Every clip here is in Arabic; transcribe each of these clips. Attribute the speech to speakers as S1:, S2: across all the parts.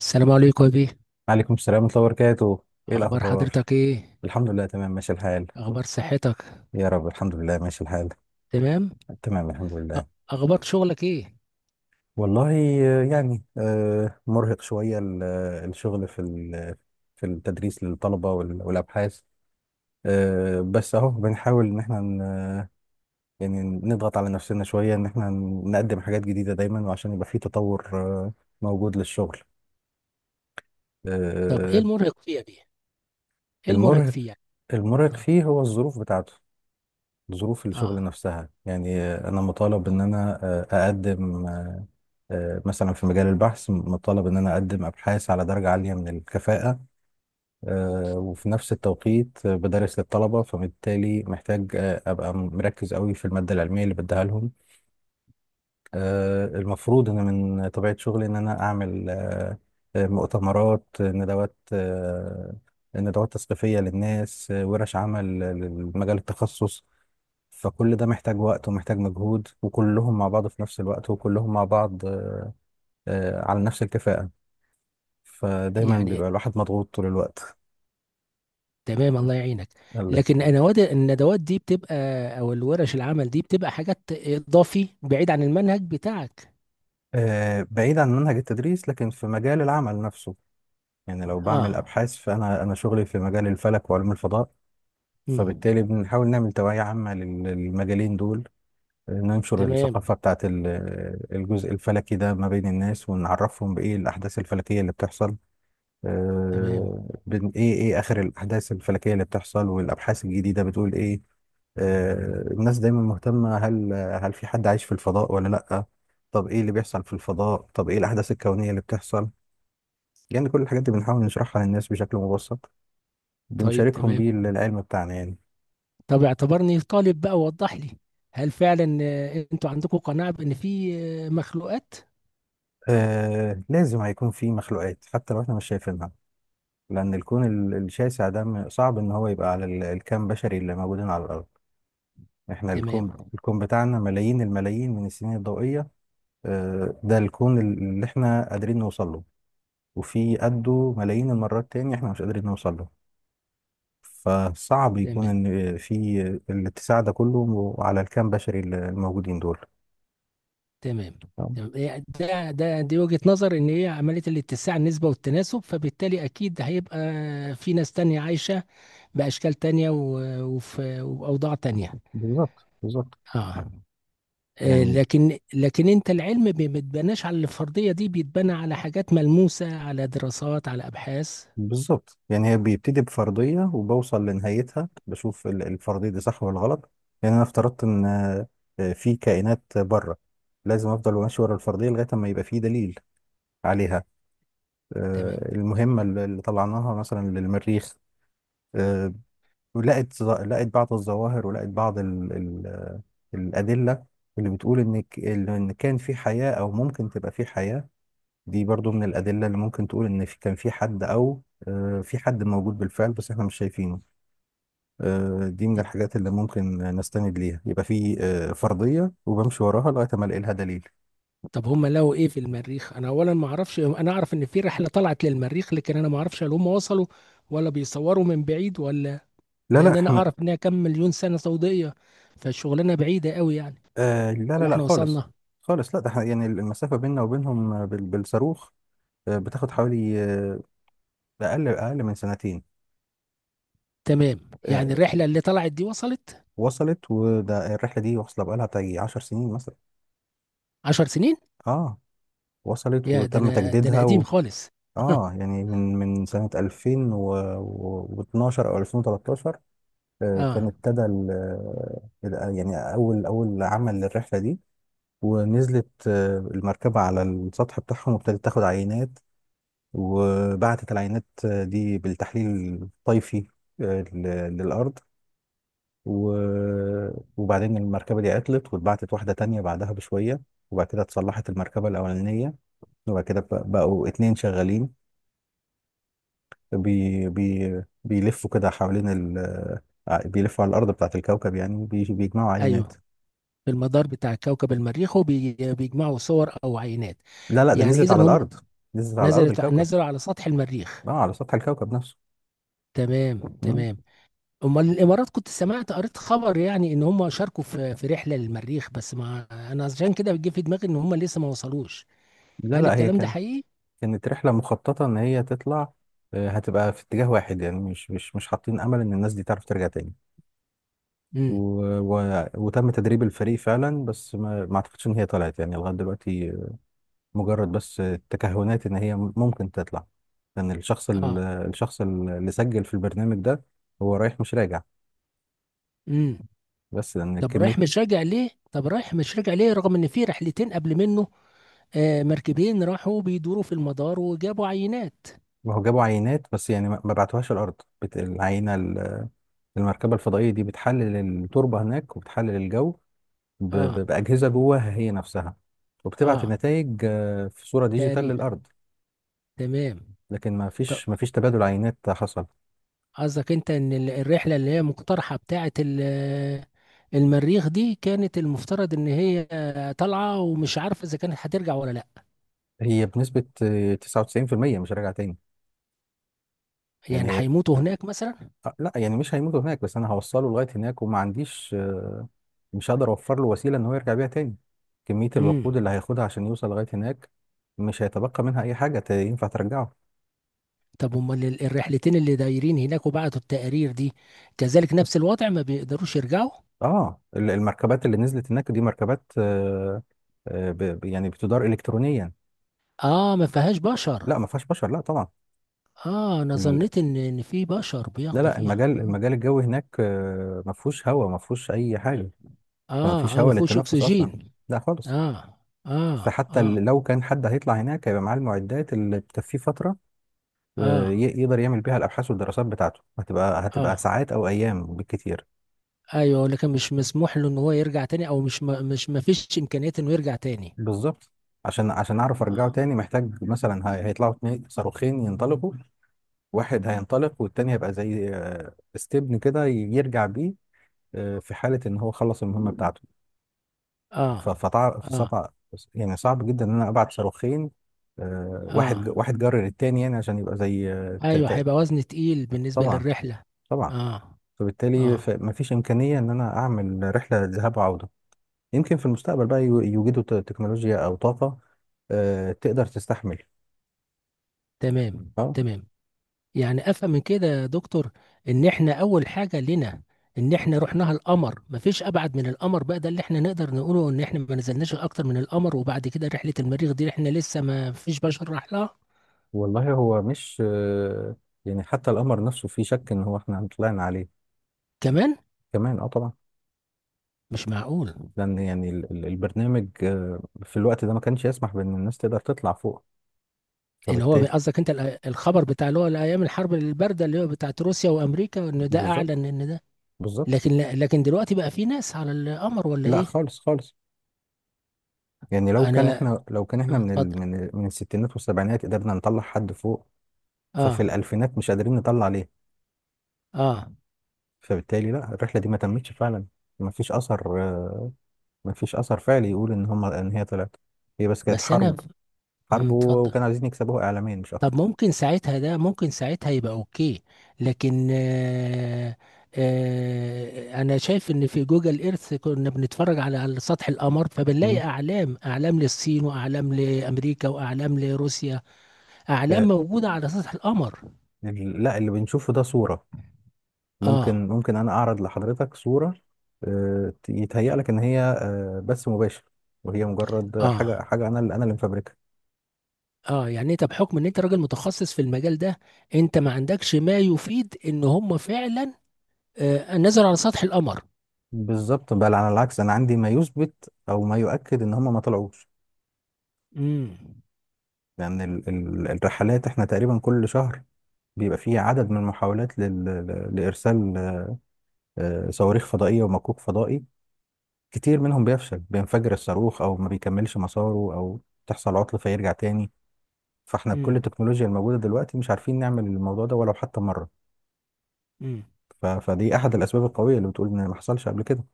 S1: السلام عليكم يا بيه.
S2: عليكم السلام ورحمة الله وبركاته. ايه
S1: اخبار
S2: الاخبار؟
S1: حضرتك ايه؟
S2: الحمد لله، تمام، ماشي الحال.
S1: اخبار صحتك؟
S2: يا رب، الحمد لله ماشي الحال.
S1: تمام.
S2: تمام الحمد
S1: أ-
S2: لله.
S1: اخبار شغلك ايه؟
S2: والله، يعني مرهق شوية الشغل في التدريس للطلبة والابحاث. بس اهو بنحاول ان احنا يعني نضغط على نفسنا شوية ان احنا نقدم حاجات جديدة دايما، وعشان يبقى في تطور موجود للشغل.
S1: طب ايه
S2: آه،
S1: المرهق فيه يا بيه؟ ايه المرهق
S2: المرهق
S1: فيه يعني؟
S2: المرهق
S1: اه.
S2: فيه هو الظروف بتاعته. ظروف الشغل
S1: اه،
S2: نفسها. يعني انا مطالب ان انا آه، اقدم آه، مثلا في مجال البحث مطالب ان انا اقدم ابحاث على درجة عالية من الكفاءة. وفي نفس التوقيت بدرس للطلبة، فبالتالي محتاج ابقى مركز قوي في المادة العلمية اللي بديها لهم. المفروض ان من طبيعة شغلي ان انا اعمل مؤتمرات، ندوات، ندوات تثقيفية للناس، ورش عمل لمجال التخصص. فكل ده محتاج وقت ومحتاج مجهود، وكلهم مع بعض في نفس الوقت، وكلهم مع بعض على نفس الكفاءة. فدايما
S1: يعني
S2: بيبقى الواحد مضغوط طول الوقت.
S1: تمام، الله يعينك.
S2: الله
S1: لكن
S2: يخليك.
S1: انا الندوات دي بتبقى او الورش العمل دي بتبقى حاجات اضافي بعيد عن المنهج بتاعك؟
S2: بعيد عن منهج التدريس، لكن في مجال العمل نفسه. يعني لو بعمل
S1: اه.
S2: أبحاث، فأنا شغلي في مجال الفلك وعلوم الفضاء،
S1: امم.
S2: فبالتالي بنحاول نعمل توعية عامة للمجالين دول. ننشر الثقافة
S1: تمام
S2: بتاعت الجزء الفلكي ده ما بين الناس، ونعرفهم بإيه الأحداث الفلكية اللي بتحصل.
S1: تمام.
S2: إيه آخر الأحداث الفلكية اللي بتحصل، والأبحاث الجديدة بتقول إيه. الناس دايما مهتمة، هل في حد عايش في الفضاء ولا لأ؟ طب إيه اللي بيحصل في الفضاء؟ طب إيه الأحداث الكونية اللي بتحصل؟ يعني كل الحاجات دي بنحاول نشرحها للناس بشكل مبسط.
S1: طيب
S2: بنشاركهم
S1: تمام،
S2: بيه العلم بتاعنا يعني.
S1: طب اعتبرني طالب بقى ووضح لي. هل فعلا انتوا عندكم قناعة بان في مخلوقات؟
S2: آه، لازم هيكون في مخلوقات حتى لو احنا مش شايفينها، لان الكون الشاسع ده صعب ان هو يبقى على الكم بشري اللي موجودين على الارض. احنا
S1: تمام.
S2: الكون بتاعنا ملايين الملايين من السنين الضوئية. آه، ده الكون اللي احنا قادرين نوصل له، وفي قده ملايين المرات تاني احنا مش قادرين نوصل له. فصعب يكون
S1: تمام.
S2: ان في الاتساع ده كله على الكم بشري اللي الموجودين دول.
S1: تمام.
S2: آه،
S1: تمام، إيه ده دي وجهة نظر ان هي عملية الاتساع النسبة والتناسب، فبالتالي اكيد هيبقى في ناس تانية عايشة باشكال تانية وفي اوضاع تانية.
S2: بالظبط بالظبط.
S1: اه. آه،
S2: يعني
S1: لكن لكن انت العلم ما بيتبناش على الفرضية دي، بيتبنى على حاجات ملموسة، على دراسات، على ابحاث.
S2: بالظبط، يعني هي بيبتدي بفرضية، وبوصل لنهايتها بشوف الفرضية دي صح ولا غلط. يعني أنا افترضت إن في كائنات بره، لازم أفضل ماشي ورا الفرضية لغاية ما يبقى في دليل عليها.
S1: تمام.
S2: المهمة اللي طلعناها مثلا للمريخ، آه، لقت بعض الظواهر، ولقت بعض ال ال آه، الأدلة اللي بتقول إن إن كان في حياة أو ممكن تبقى في حياة. دي برضو من الأدلة اللي ممكن تقول إن كان في حد، أو في حد موجود بالفعل بس إحنا مش شايفينه. دي من الحاجات اللي ممكن نستند ليها، يبقى في فرضية وبمشي وراها لغاية ما ألاقي لها دليل.
S1: طب هم لقوا ايه في المريخ؟ انا اولا ما اعرفش. انا اعرف ان في رحلة طلعت للمريخ، لكن انا ما اعرفش هل هم وصلوا ولا بيصوروا من بعيد ولا؟
S2: لا لا،
S1: لان انا
S2: إحنا
S1: اعرف انها كم مليون سنه ضوئيه، فالشغلانه بعيده قوي يعني.
S2: لا لا
S1: ولا
S2: لا،
S1: احنا
S2: خالص
S1: وصلنا؟
S2: خالص، لا. ده إحنا يعني المسافة بيننا وبينهم بالصاروخ، بتاخد حوالي أقل من سنتين.
S1: تمام.
S2: آه،
S1: يعني الرحله اللي طلعت دي وصلت؟
S2: وصلت. وده الرحلة دي واصلة بقالها بتاعي 10 سنين مثلا.
S1: 10 سنين؟
S2: آه، وصلت
S1: يا ده
S2: وتم
S1: انا، ده انا قديم
S2: تجديدها.
S1: خالص.
S2: اه، يعني من سنة 2012 او 2013، كان
S1: اه.
S2: ابتدى يعني اول عمل للرحلة دي. ونزلت المركبة على السطح بتاعهم وابتدت تاخد عينات. وبعتت العينات دي بالتحليل الطيفي للأرض. و- وبعدين المركبة دي عطلت، واتبعتت واحدة تانية بعدها بشوية. وبعد كده اتصلحت المركبة الأولانية. وبعد كده بقوا اتنين شغالين، بي بي بيلفوا كده حوالين ال بيلفوا على الأرض بتاعة الكوكب يعني، بيجمعوا عينات.
S1: ايوه، في المدار بتاع كوكب المريخ، وبيجمعوا صور او عينات؟
S2: لا لا، ده
S1: يعني
S2: نزلت
S1: اذا
S2: على
S1: هم
S2: الأرض. نزلت على الأرض،
S1: نزلت،
S2: الكوكب.
S1: نزلوا على سطح المريخ.
S2: اه، على سطح الكوكب نفسه.
S1: تمام
S2: مم.
S1: تمام. امال الامارات كنت سمعت قريت خبر يعني ان هم شاركوا في رحله للمريخ، بس ما، انا عشان كده بيجي في دماغي ان هم لسه ما وصلوش.
S2: لا
S1: هل
S2: لا، هي
S1: الكلام ده حقيقي؟
S2: كانت رحلة مخططة إن هي تطلع، هتبقى في اتجاه واحد، يعني مش حاطين أمل إن الناس دي تعرف ترجع تاني. و... وتم تدريب الفريق فعلا، بس ما أعتقدش إن هي طلعت يعني لغاية دلوقتي. مجرد بس تكهنات ان هي ممكن تطلع. لان
S1: اه.
S2: الشخص اللي سجل في البرنامج ده هو رايح مش راجع.
S1: امم.
S2: بس لان
S1: طب
S2: كميه...
S1: رايح مش راجع ليه؟ طب رايح مش راجع ليه رغم ان في رحلتين قبل منه آه مركبين راحوا بيدوروا في المدار وجابوا عينات؟
S2: ما هو جابوا عينات، بس يعني ما بعتوهاش الارض. بت- العينه ال- المركبه الفضائيه دي بتحلل التربه هناك، وبتحلل الجو
S1: اه.
S2: باجهزه جواها هي نفسها. وبتبعت
S1: اه،
S2: النتائج في صوره ديجيتال
S1: تقرير.
S2: للارض.
S1: تمام.
S2: لكن
S1: طب
S2: ما فيش تبادل عينات حصل.
S1: قصدك انت ان الرحله اللي هي مقترحه بتاعه المريخ دي كانت المفترض ان هي طالعه ومش عارفه اذا كانت هترجع ولا لا؟
S2: هي بنسبه 99% مش راجعه تاني. يعني
S1: يعني
S2: هي
S1: هيموتوا هناك مثلا؟
S2: لا يعني مش هيموتوا هناك، بس انا هوصله لغايه هناك، وما عنديش مش هقدر اوفر له وسيله ان هو يرجع بيها تاني. كميه الوقود
S1: امم.
S2: اللي هياخدها عشان يوصل لغايه هناك مش هيتبقى منها اي حاجه ينفع ترجعه.
S1: طب امال الرحلتين اللي دايرين هناك وبعتوا التقارير دي كذلك نفس الوضع، ما بيقدروش يرجعوا؟
S2: اه، المركبات اللي نزلت هناك دي مركبات يعني بتدار الكترونيا.
S1: اه، ما فيهاش بشر؟
S2: لا، ما فيهاش بشر، لا طبعا.
S1: اه، انا
S2: ال...
S1: ظنيت ان في بشر
S2: لا
S1: بياخدوا
S2: لا،
S1: فيها. اه.
S2: المجال الجوي هناك ما فيهوش اي حاجه. فما فيش
S1: اه، ما
S2: هواء
S1: فيهوش
S2: للتنفس اصلا.
S1: اكسجين.
S2: لا خالص.
S1: اه. اه،
S2: فحتى
S1: اه.
S2: لو كان حد هيطلع هناك هيبقى معاه المعدات اللي تكفيه فتره،
S1: اه.
S2: يقدر يعمل بيها الابحاث والدراسات بتاعته. هتبقى
S1: اه،
S2: ساعات او ايام بالكتير.
S1: ايوه، لكن مش مسموح له ان هو يرجع تاني؟ او مش ما مش ما فيش امكانية انه يرجع تاني؟
S2: بالظبط. عشان اعرف ارجعه
S1: اه.
S2: تاني محتاج مثلا هيطلعوا اتنين صاروخين ينطلقوا. واحد هينطلق، والتاني هيبقى زي استبن كده يرجع بيه في حالة ان هو خلص المهمة بتاعته.
S1: اه. اه.
S2: فصعب، يعني صعب جدا ان انا ابعت صاروخين، واحد
S1: اه،
S2: واحد جرر التاني، يعني عشان يبقى زي
S1: ايوه، هيبقى وزن تقيل بالنسبة
S2: طبعا
S1: للرحلة.
S2: طبعا.
S1: اه.
S2: فبالتالي
S1: اه.
S2: مفيش امكانية ان انا اعمل رحلة ذهاب وعودة. يمكن في المستقبل بقى يوجدوا تكنولوجيا او طاقه تقدر تستحمل.
S1: تمام
S2: اه.
S1: تمام. يعني افهم من كده يا دكتور، ان احنا اول حاجه لنا ان احنا رحناها القمر، مفيش ابعد من القمر بقى، ده اللي احنا نقدر نقوله، ان احنا ما نزلناش اكتر من القمر، وبعد كده رحله المريخ دي احنا لسه ما فيش بشر راح لها.
S2: والله هو مش يعني حتى القمر نفسه في شك ان هو احنا طلعنا عليه.
S1: كمان؟
S2: كمان اه طبعا.
S1: مش معقول!
S2: لان يعني البرنامج في الوقت ده ما كانش يسمح بان الناس تقدر تطلع فوق،
S1: اللي هو
S2: فبالتالي
S1: قصدك انت الخبر بتاع اللي هو الايام الحرب البارده اللي هو بتاعت روسيا وامريكا، ان ده
S2: بالظبط
S1: اعلن ان ده.
S2: بالظبط.
S1: لكن دلوقتي بقى في ناس على القمر ولا
S2: لا
S1: ايه؟
S2: خالص خالص. يعني
S1: انا،
S2: لو كان احنا من
S1: اتفضل.
S2: من الستينات والسبعينات قدرنا نطلع حد فوق، ففي
S1: اه.
S2: الالفينات مش قادرين نطلع ليه؟
S1: اه.
S2: فبالتالي لا، الرحله دي ما تمتش فعلا. ما فيش اثر آه، مفيش اثر فعلي يقول ان هم ان هي طلعت. هي بس كانت
S1: بس انا،
S2: حرب،
S1: مم، اتفضل.
S2: وكانوا عايزين يكسبوها اعلاميا مش
S1: طب
S2: اكتر.
S1: ممكن ساعتها، ده ممكن ساعتها يبقى اوكي. لكن آه، آه انا شايف ان في جوجل ايرث كنا بنتفرج على على سطح القمر، فبنلاقي
S2: مم.
S1: اعلام، اعلام للصين واعلام لامريكا واعلام لروسيا،
S2: آه،
S1: اعلام موجودة على سطح القمر.
S2: لا، اللي بنشوفه ده صورة.
S1: اه.
S2: ممكن انا اعرض لحضرتك صورة، يتهيأ لك ان هي بث مباشر، وهي مجرد
S1: اه.
S2: حاجة انا اللي اللي مفبركها.
S1: اه، يعني انت بحكم ان انت راجل متخصص في المجال ده، انت ما عندكش ما يفيد ان هم فعلا آه نزلوا على سطح القمر؟
S2: بالظبط. بل على العكس، انا عندي ما يثبت او ما يؤكد ان هم ما طلعوش.
S1: امم.
S2: لان الرحلات احنا تقريبا كل شهر بيبقى فيه عدد من المحاولات لارسال صواريخ فضائية ومكوك فضائي. كتير منهم بيفشل، بينفجر الصاروخ، او ما بيكملش مساره، او تحصل عطل فيرجع تاني. فاحنا بكل
S1: امم.
S2: التكنولوجيا الموجوده دلوقتي مش عارفين نعمل الموضوع ده ولو حتى مره.
S1: امم.
S2: فدي احد الاسباب القويه اللي بتقول ان ما حصلش قبل كده.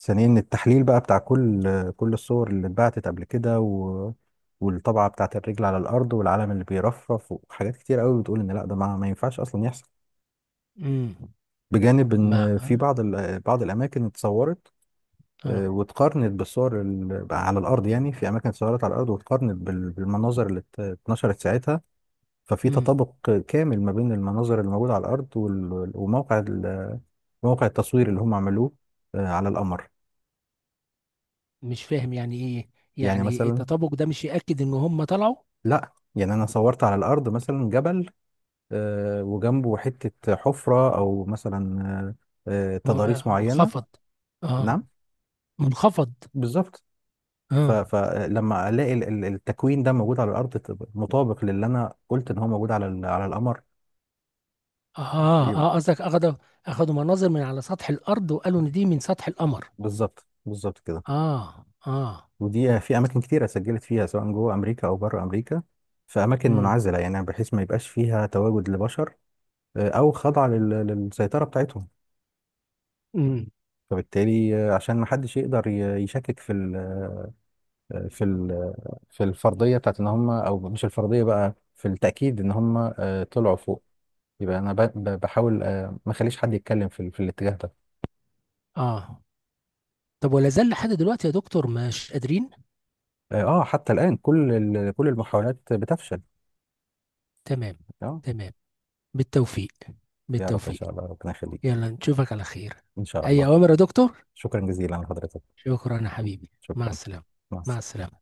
S2: ثانيا إن التحليل بقى بتاع كل الصور اللي اتبعتت قبل كده، والطبعه بتاعت الرجل على الارض، والعلم اللي بيرفرف، وحاجات كتير قوي بتقول ان لا ده ما ينفعش اصلا يحصل.
S1: امم.
S2: بجانب
S1: مع
S2: ان في
S1: اه.
S2: بعض بعض الاماكن اتصورت،
S1: آه.
S2: واتقارنت بالصور على الارض. يعني في اماكن اتصورت على الارض، واتقارنت بالمناظر اللي اتنشرت ساعتها. ففي
S1: امم.
S2: تطابق كامل ما بين المناظر اللي موجوده على الارض موقع التصوير اللي هم عملوه على القمر.
S1: مش فاهم يعني ايه؟
S2: يعني
S1: يعني إيه
S2: مثلا،
S1: التطابق ده مش يأكد ان هم طلعوا؟
S2: لا يعني انا صورت على الارض مثلا جبل، وجنبه حته حفره، او مثلا
S1: م-،
S2: تضاريس معينه.
S1: منخفض. اه،
S2: نعم.
S1: منخفض.
S2: بالظبط.
S1: اه.
S2: فلما الاقي التكوين ده موجود على الارض، تبقى مطابق للي انا قلت ان هو موجود على على القمر.
S1: اه،
S2: يبقى
S1: اه، قصدك اخدوا، اخدوا مناظر من على سطح الارض وقالوا ان دي من سطح القمر.
S2: بالظبط بالظبط كده.
S1: اه. اه.
S2: ودي في اماكن كتيره سجلت فيها، سواء جوه امريكا او بره امريكا، في اماكن
S1: امم.
S2: منعزله يعني بحيث ما يبقاش فيها تواجد لبشر، او خضع للسيطره بتاعتهم.
S1: امم.
S2: فبالتالي عشان ما حدش يقدر يشكك في ال آه، في ال في الفرضيه بتاعت ان هم، او مش الفرضيه بقى، في التاكيد ان هم طلعوا فوق. يبقى انا بحاول ما اخليش حد يتكلم في في الاتجاه ده.
S1: اه. طب ولا زال لحد دلوقتي يا دكتور مش قادرين؟
S2: اه، حتى الان كل المحاولات بتفشل.
S1: تمام.
S2: اه.
S1: تمام. بالتوفيق.
S2: يا رب، ان
S1: بالتوفيق.
S2: شاء الله، ربنا يخليك.
S1: يلا نشوفك على خير.
S2: ان شاء
S1: اي
S2: الله.
S1: اوامر يا دكتور.
S2: شكرا جزيلا لحضرتك.
S1: شكرا يا حبيبي، مع
S2: شكرا.
S1: السلامة.
S2: مع
S1: مع
S2: السلامه.
S1: السلامة.